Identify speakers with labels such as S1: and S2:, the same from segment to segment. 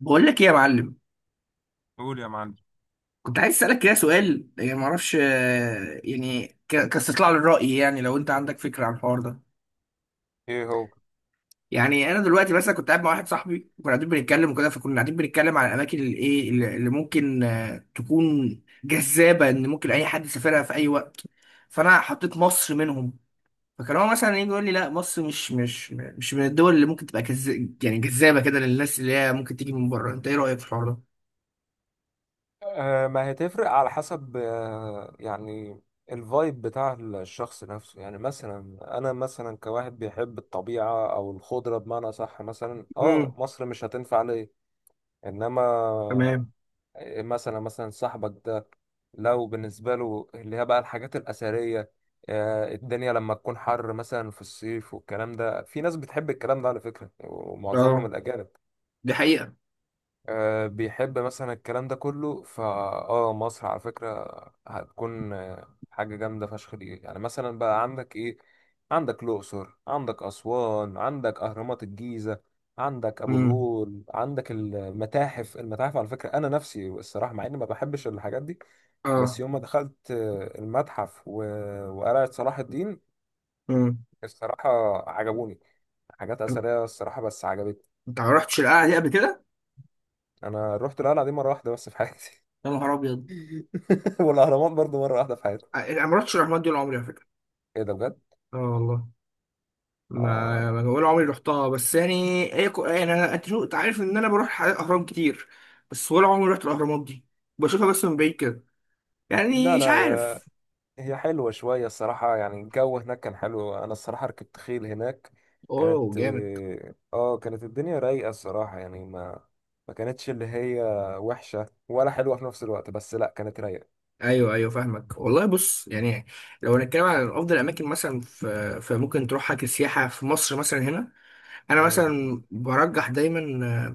S1: بقول لك ايه يا معلم.
S2: قول يا معلم.
S1: كنت عايز اسالك كده سؤال، يعني ما اعرفش، يعني كاستطلاع للراي، يعني لو انت عندك فكره عن الحوار ده.
S2: ايه هو؟
S1: يعني انا دلوقتي مثلا كنت قاعد مع واحد صاحبي وكنا قاعدين بنتكلم وكده، فكنا قاعدين بنتكلم على الاماكن اللي ايه اللي اللي ممكن تكون جذابه ان ممكن اي حد يسافرها في اي وقت. فانا حطيت مصر منهم. فكان هو مثلا يجي يقول لي لا مصر مش من الدول اللي ممكن تبقى يعني جذابه كده للناس اللي هي ممكن تيجي من بره. انت ايه رايك في الحوار ده؟
S2: ما هتفرق على حسب، يعني الفايب بتاع الشخص نفسه. يعني مثلا انا مثلا كواحد بيحب الطبيعة او الخضرة، بمعنى صح، مثلا اه
S1: امم.
S2: مصر مش هتنفع ليه. انما
S1: تمام.
S2: مثلا صاحبك ده لو بالنسبة له اللي هي بقى الحاجات الأثرية، الدنيا لما تكون حر مثلا في الصيف والكلام ده، في ناس بتحب الكلام ده على فكرة، ومعظمهم
S1: اه.
S2: الأجانب،
S1: دي حقيقة.
S2: بيحب مثلا الكلام ده كله. فا اه مصر على فكرة هتكون حاجة جامدة فشخ. دي يعني مثلا بقى عندك ايه؟ عندك الأقصر، عندك أسوان، عندك أهرامات الجيزة، عندك أبو
S1: مم.
S2: الهول، عندك المتاحف. المتاحف على فكرة أنا نفسي الصراحة، مع إني ما بحبش الحاجات دي، بس
S1: اه.
S2: يوم ما دخلت المتحف وقلعة صلاح الدين،
S1: امم.
S2: الصراحة عجبوني. حاجات
S1: انت
S2: أثرية الصراحة بس عجبتني.
S1: ما رحتش القلعه دي قبل كده؟
S2: أنا رحت القلعة دي مرة واحدة بس في حياتي.
S1: يا نهار ابيض.
S2: والاهرامات برضو مره واحده في حياتي.
S1: انا ما رحتش الاهرامات دي ولا عمري على فكره.
S2: ايه ده بجد؟
S1: اه والله، ما
S2: آه.
S1: ما ولا عمري رحتها، بس يعني يعني أنت عارف ان انا بروح اهرام كتير، بس ولا عمري رحت الاهرامات دي. بشوفها بس من بعيد كده، يعني
S2: لا
S1: مش
S2: لا
S1: عارف.
S2: يا، هي حلوه شويه الصراحه. يعني الجو هناك كان حلو. انا الصراحه ركبت خيل هناك. كانت،
S1: اوه جامد.
S2: اه كانت الدنيا رايقه الصراحه. يعني ما كانتش اللي هي وحشه ولا حلوه في نفس الوقت، بس لا كانت رايقه.
S1: ايوه، ايوه، فاهمك والله. بص، يعني لو هنتكلم عن افضل اماكن مثلا في فممكن تروحها كسياحه في مصر مثلا هنا، انا
S2: امم.
S1: مثلا برجح دايما،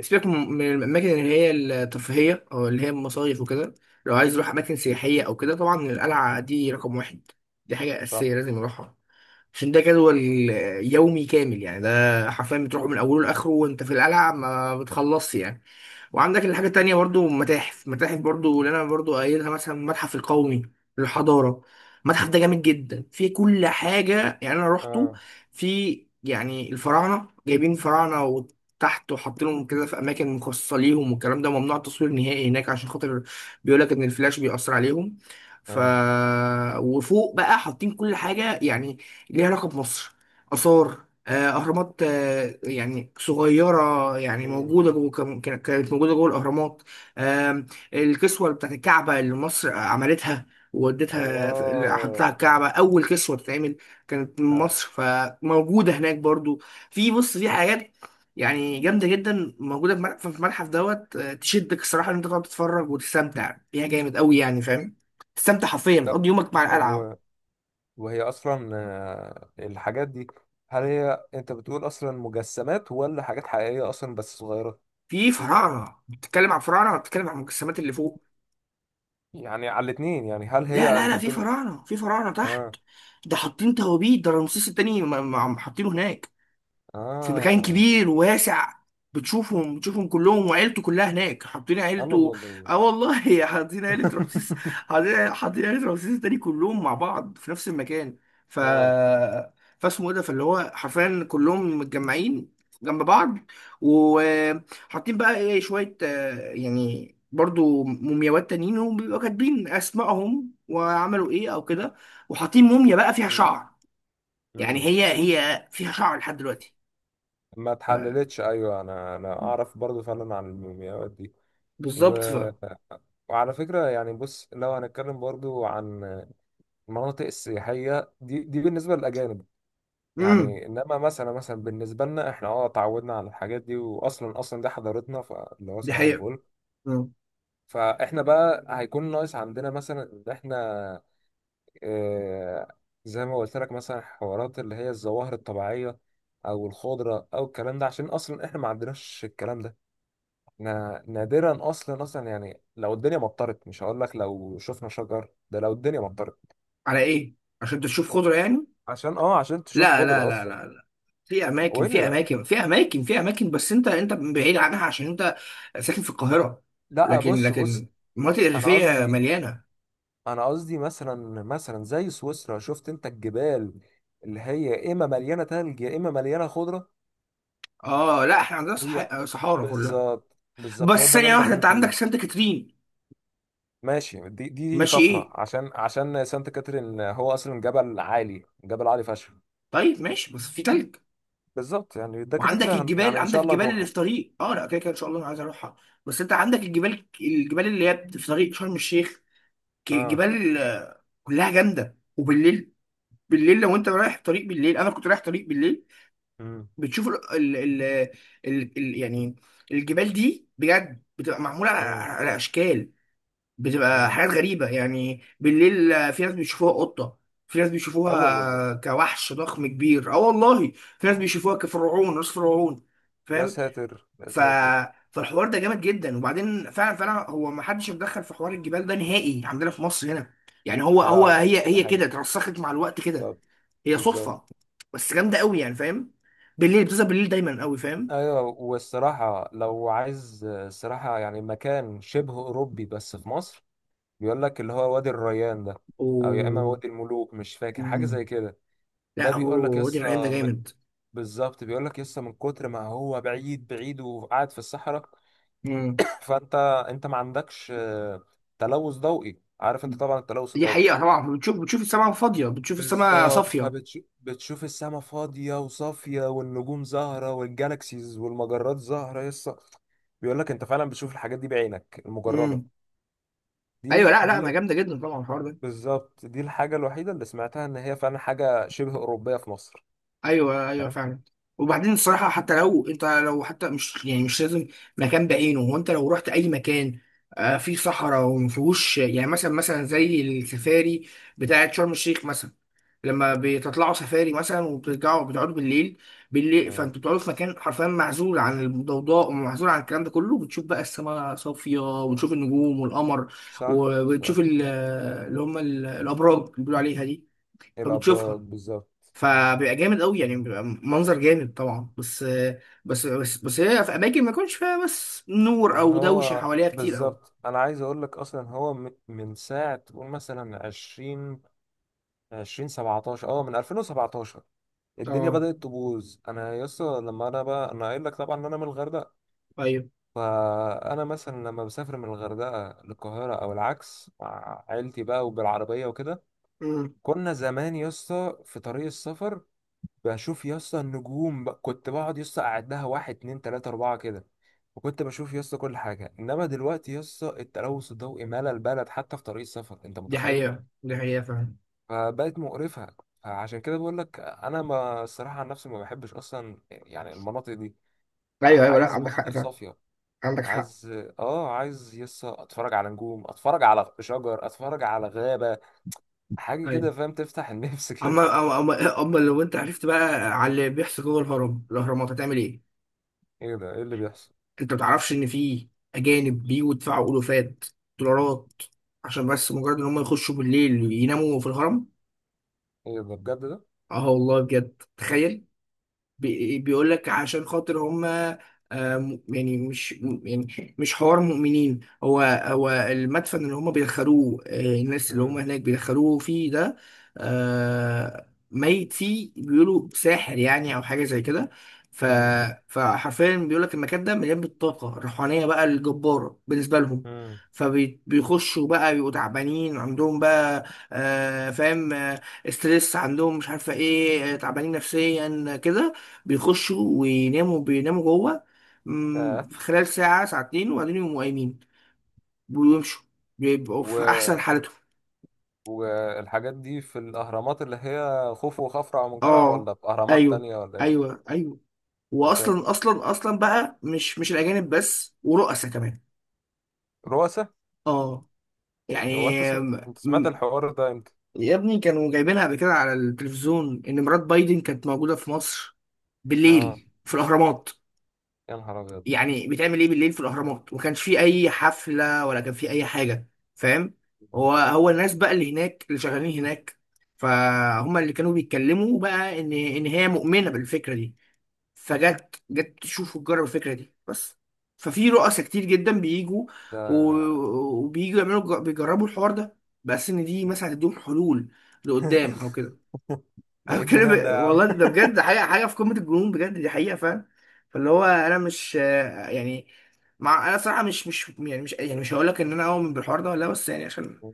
S1: سيبك من الاماكن اللي هي الترفيهيه او اللي هي المصايف وكده، لو عايز يروح اماكن سياحيه او كده، طبعا القلعه دي رقم واحد. دي حاجه
S2: صح.
S1: اساسيه لازم يروحها، عشان ده جدول يومي كامل، يعني ده حرفيا بتروح من اوله لاخره وانت في القلعه ما بتخلصش يعني. وعندك الحاجه التانيه برضو متاحف، متاحف برضو اللي انا برضو قايلها، مثلا المتحف القومي للحضاره. المتحف ده جامد جدا، فيه كل حاجه. يعني انا روحته،
S2: اه.
S1: في يعني الفراعنه جايبين فراعنه وتحت وحاطينهم كده في اماكن مخصصه ليهم، والكلام ده ممنوع التصوير نهائي هناك، عشان خاطر بيقول لك ان الفلاش بيأثر عليهم. ف
S2: اه.
S1: وفوق بقى حاطين كل حاجه يعني ليها علاقة بمصر، آثار، أهرامات، يعني صغيرة، يعني
S2: امم.
S1: موجودة جوه كانت موجودة جوه الأهرامات. آم، الكسوة بتاعت الكعبة اللي مصر عملتها وودتها حطتها على
S2: اه.
S1: الكعبة، أول كسوة تتعمل كانت من
S2: آه.
S1: مصر، فموجودة هناك برضو. في، بص، في حاجات يعني جامدة جدا موجودة في متحف، في المتحف دوت تشدك الصراحة، إن أنت تقعد تتفرج وتستمتع بيها جامد أوي، يعني فاهم، تستمتع حرفيا،
S2: طب،
S1: بتقضي يومك مع
S2: طب
S1: القلعة.
S2: وهي اصلا الحاجات دي، هل هي انت بتقول اصلا مجسمات ولا حاجات حقيقية اصلا بس صغيرة؟
S1: في فراعنه، بتتكلم عن فراعنه ولا بتتكلم عن المجسمات اللي فوق؟
S2: يعني على الاتنين؟ يعني هل
S1: لا،
S2: هي
S1: لا،
S2: انت
S1: لا، في
S2: بتقول؟
S1: فراعنه في فراعنه تحت.
S2: اه.
S1: ده حاطين توابيت، ده رمسيس التاني عم حاطينه هناك في مكان
S2: اه.
S1: كبير وواسع. بتشوفهم كلهم وعيلته كلها هناك، حاطين
S2: الله
S1: عيلته.
S2: الله الله.
S1: اه والله حاطين عيلة رمسيس، حاطين عيلة رمسيس التاني كلهم مع بعض في نفس المكان. ف
S2: اه.
S1: فاسمه ايه ده، فاللي هو حرفيا كلهم متجمعين جنب بعض. وحاطين بقى ايه شوية يعني برضو مومياوات تانيين، وبيبقوا كاتبين اسمائهم وعملوا ايه او كده. وحاطين موميا بقى فيها
S2: مم.
S1: شعر، يعني
S2: مم.
S1: هي فيها شعر لحد دلوقتي.
S2: ما اتحللتش. ايوه انا اعرف برضو فعلا عن المومياوات دي. و...
S1: بالظبط.
S2: وعلى فكره يعني بص، لو هنتكلم برضو عن المناطق السياحيه دي، دي بالنسبه للاجانب.
S1: امم.
S2: يعني انما مثلا بالنسبه لنا احنا اه اتعودنا على الحاجات دي، اصلا دي حضارتنا، فاللي هو
S1: دي
S2: صباح
S1: حقيقة.
S2: الفل.
S1: مم.
S2: فاحنا بقى هيكون ناقص عندنا مثلا ان احنا اه زي ما قلت لك مثلا حوارات اللي هي الظواهر الطبيعيه، او الخضره او الكلام ده، عشان اصلا احنا ما عندناش الكلام ده. احنا نادرا اصلا، يعني لو الدنيا مطرت، مش هقول لك لو شفنا شجر، ده لو الدنيا مطرت
S1: على ايه؟ عشان تشوف خضرة يعني؟
S2: عشان اه عشان تشوف
S1: لا، لا،
S2: خضره
S1: لا،
S2: اصلا.
S1: لا، لا، في اماكن
S2: وايه اللي
S1: في
S2: لا؟
S1: اماكن في اماكن في اماكن بس انت بعيد عنها عشان انت ساكن في القاهرة،
S2: لا
S1: لكن
S2: بص
S1: المناطق
S2: انا
S1: الريفية
S2: قصدي،
S1: مليانة.
S2: مثلا زي سويسرا، شفت انت الجبال اللي هي اما مليانه تلج يا اما مليانه خضره.
S1: اه لا، احنا عندنا
S2: هي
S1: صحارى كلها،
S2: بالظبط، بالظبط هو
S1: بس
S2: ده اللي
S1: ثانية
S2: انا
S1: واحدة،
S2: بتكلم
S1: انت عندك
S2: فيه.
S1: سانت كاترين.
S2: ماشي، دي
S1: ماشي،
S2: طفره،
S1: ايه؟
S2: عشان سانت كاترين هو اصلا جبل عالي، جبل عالي فشخ.
S1: طيب ماشي، بس في تلج،
S2: بالظبط. يعني ده كده
S1: وعندك
S2: كده هن-
S1: الجبال،
S2: يعني ان
S1: عندك
S2: شاء الله
S1: الجبال اللي
S2: نروحه.
S1: في طريق، اه لا كده كده ان شاء الله انا عايز اروحها، بس انت عندك الجبال اللي هي في طريق شرم الشيخ.
S2: اه.
S1: جبال كلها جامده، وبالليل، بالليل لو انت رايح طريق بالليل، انا كنت رايح طريق بالليل،
S2: امم.
S1: بتشوف ال ال ال ال ال يعني الجبال دي بجد بتبقى معموله على,
S2: امم.
S1: على اشكال، بتبقى
S2: امم.
S1: حاجات غريبه يعني. بالليل في ناس بيشوفوها قطه، في ناس
S2: الله الله
S1: بيشوفوها
S2: الله.
S1: كوحش ضخم كبير، اه والله، في ناس
S2: أوه.
S1: بيشوفوها كفرعون، راس فرعون،
S2: يا
S1: فاهم؟
S2: ساتر يا
S1: ف
S2: ساتر.
S1: فالحوار ده جامد جدا. وبعدين فعلا فعلا هو ما حدش اتدخل في حوار الجبال ده نهائي عندنا في مصر هنا، يعني هو هو
S2: لا ما-
S1: هي
S2: ده
S1: هي كده
S2: حقيقي.
S1: اترسخت مع الوقت كده.
S2: بالظبط.
S1: هي
S2: بالظبط.
S1: صدفة، بس جامدة قوي، يعني فاهم، بالليل بتظهر، بالليل دايما قوي، فاهم.
S2: ايوه، والصراحه لو عايز الصراحه يعني مكان شبه اوروبي بس في مصر، بيقول لك اللي هو وادي الريان ده، او يا اما
S1: و
S2: وادي الملوك، مش فاكر حاجه
S1: مم.
S2: زي كده. ده
S1: لا،
S2: بيقول لك
S1: هو وادي الريان ده
S2: يسا م-،
S1: جامد.
S2: بالظبط بيقول لك يسا من كتر ما هو بعيد، بعيد وقاعد في الصحراء،
S1: مم.
S2: فانت ما عندكش تلوث ضوئي. عارف انت طبعا التلوث
S1: دي حقيقة،
S2: الضوئي.
S1: طبعا بتشوف السماء فاضية، بتشوف السماء
S2: بالظبط،
S1: صافية.
S2: فبتشوف السما فاضية وصافية، والنجوم زاهرة، والجالاكسيز والمجرات زاهرة يسا. بيقول لك انت فعلا بتشوف الحاجات دي بعينك المجردة.
S1: مم. ايوه، لا، لا،
S2: دي
S1: ما جامدة جدا طبعا الحوار ده.
S2: بالظبط، دي الحاجة الوحيدة اللي سمعتها ان هي فعلا حاجة شبه أوروبية في مصر.
S1: ايوه، ايوه،
S2: فاهم.
S1: فعلا. وبعدين الصراحه، حتى لو انت، لو حتى مش يعني مش لازم مكان بعينه، هو انت لو رحت اي مكان فيه صحراء وما فيهوش، يعني مثلا زي السفاري بتاعه شرم الشيخ مثلا، لما بتطلعوا سفاري مثلا وبترجعوا بتقعدوا بالليل، بالليل
S2: مم.
S1: فانتوا بتقعدوا في مكان حرفيا معزول عن الضوضاء ومعزول عن الكلام ده كله، بتشوف بقى السماء صافيه وبتشوف النجوم والقمر،
S2: صح
S1: وبتشوف
S2: صح.
S1: اللي هم الابراج اللي بيقولوا عليها دي،
S2: إيه الأبراج،
S1: فبتشوفها،
S2: بالظبط.
S1: فبيبقى جامد قوي، يعني بيبقى منظر جامد طبعا، بس هي في اماكن ما يكونش فيها بس نور
S2: ما
S1: او دوشه
S2: هو
S1: حواليها كتير قوي.
S2: بالظبط، أنا عايز أقول لك، أصلا هو م- من ساعة تقول مثلا 20، 2017، أه من 2017 الدنيا
S1: اه.
S2: بدأت تبوظ. انا يسطا لما انا بقى، انا قايل لك طبعا ان انا من الغردقه،
S1: ايوه.
S2: فانا مثلا لما بسافر من الغردقه للقاهره او العكس مع عيلتي بقى وبالعربيه وكده،
S1: امم.
S2: كنا زمان يسطا في طريق السفر بشوف يسطا النجوم بقى. كنت بقعد يسطا اقعد لها، 1 2 3 4 كده، وكنت بشوف يسطا كل حاجه. انما دلوقتي يسطا التلوث الضوئي مال البلد حتى في طريق السفر، انت
S1: دي
S2: متخيل.
S1: حقيقه، دي حقيقه فعلا.
S2: فبقت مقرفه. فعشان كده بقول لك انا، ما الصراحه عن نفسي ما بحبش اصلا يعني المناطق دي.
S1: ايوه، ايوه، لا
S2: عايز
S1: عندك حق
S2: مناطق
S1: فعلا.
S2: صافية.
S1: عندك حق.
S2: عايز اه، عايز يسا اتفرج على نجوم، اتفرج على شجر، اتفرج على غابة، حاجة
S1: ايوه.
S2: كده فاهم، تفتح النفس كده.
S1: اما اما اما أما لو انت عرفت بقى على اللي بيحصل جوه الاهرامات هتعمل ايه.
S2: ايه ده؟ ايه اللي بيحصل؟
S1: انت ما تعرفش ان في اجانب بيجوا يدفعوا الوفات دولارات عشان بس مجرد ان هم يخشوا بالليل يناموا في الهرم.
S2: ايه ده بجد؟ ده
S1: اه والله بجد، تخيل. بيقول لك عشان خاطر هم، يعني مش م- يعني مش حوار مؤمنين. هو هو المدفن اللي هم بيدخلوه الناس اللي هم
S2: مم.
S1: هناك بيدخلوه فيه ده ميت فيه بيقولوا ساحر، يعني او حاجه زي كده. ف
S2: مم.
S1: فحرفيا بيقول لك المكان ده مليان بالطاقه الروحانيه بقى الجباره بالنسبه لهم.
S2: مم.
S1: فبيخشوا بقى بيبقوا تعبانين عندهم بقى، فاهم، ستريس عندهم مش عارفه ايه، تعبانين نفسيا كده، بيخشوا ويناموا، بيناموا جوه،
S2: آه.
S1: في خلال ساعة ساعتين، وبعدين يقوموا قايمين ويمشوا، بيبقوا في
S2: و...
S1: أحسن حالتهم.
S2: والحاجات دي في الاهرامات اللي هي خوفو وخفرع ومنقرع،
S1: اه.
S2: ولا في اهرامات
S1: أيوه،
S2: تانية ولا ايه؟
S1: أيوه، أيوه.
S2: يا
S1: وأصلا
S2: ساتر.
S1: أصلا أصلا بقى، مش الأجانب بس، ورؤساء كمان.
S2: رؤساء؟
S1: اه.
S2: هو
S1: يعني
S2: انت سم-،
S1: م-
S2: انت سمعت
S1: م-
S2: الحوار ده امتى؟
S1: يا ابني كانوا جايبينها قبل كده على التلفزيون إن مرات بايدن كانت موجودة في مصر
S2: اه.
S1: بالليل في الأهرامات.
S2: يا نهار ابيض.
S1: يعني بيتعمل ايه بالليل في الاهرامات، وما كانش فيه اي حفله ولا كان فيه اي حاجه، فاهم؟
S2: آه.
S1: هو هو الناس بقى اللي هناك اللي شغالين هناك فهم اللي كانوا بيتكلموا بقى ان هي مؤمنه بالفكره دي، فجت، تشوف وتجرب الفكره دي بس. ففي رؤساء كتير جدا بيجوا و-
S2: ده،
S1: وبييجوا يعملوا، بيجربوا الحوار ده بس ان دي مثلا هتديهم حلول لقدام او كده.
S2: ده
S1: أنا
S2: ايه الجنان ده يا
S1: بتكلم
S2: عم.
S1: والله، ده بجد حاجة، حاجة في قمة الجنون بجد، دي حقيقة، فاهم. فاللي هو أنا مش يعني، مع أنا صراحة مش هقول لك إن أنا أؤمن بالحوار ده ولا لأ، بس يعني عشان،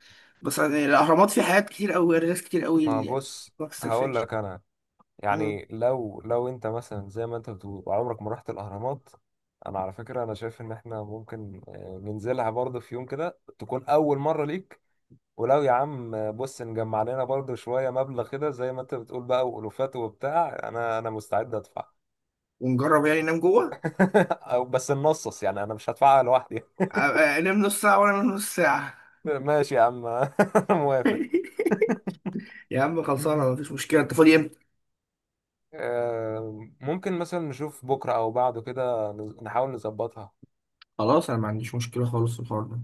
S1: بس يعني الأهرامات فيه حاجات كتير أوي، ناس كتير أوي
S2: ما
S1: اللي يعني
S2: بص،
S1: ما
S2: هقول
S1: بتستكفاش.
S2: لك انا،
S1: مم.
S2: يعني لو انت مثلا زي ما انت بتقول عمرك ما رحت الاهرامات، انا على فكره انا شايف ان احنا ممكن ننزلها برضه في يوم كده، تكون اول مره ليك. ولو يا عم بص، نجمع لنا برضه شويه مبلغ كده، زي ما انت بتقول بقى والوفات وبتاع، انا مستعد ادفع.
S1: ونجرب يعني ننام جوه.
S2: او بس ننصص، يعني انا مش هدفعها لوحدي.
S1: آه، نام نص ساعة وأنا أنام نص ساعة.
S2: ماشي يا عم. أنا موافق.
S1: يا عم خلصانة، مفيش مشكلة، أنت فاضي إمتى؟
S2: ممكن مثلا نشوف بكره او بعده كده، نز- نحاول نظبطها.
S1: خلاص، أنا ما عنديش مشكلة خالص في الحوار ده.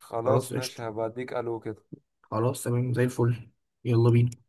S2: خلاص
S1: خلاص
S2: ماشي،
S1: قشطة.
S2: هبقى اديك الو كده.
S1: خلاص تمام زي الفل. يلا بينا.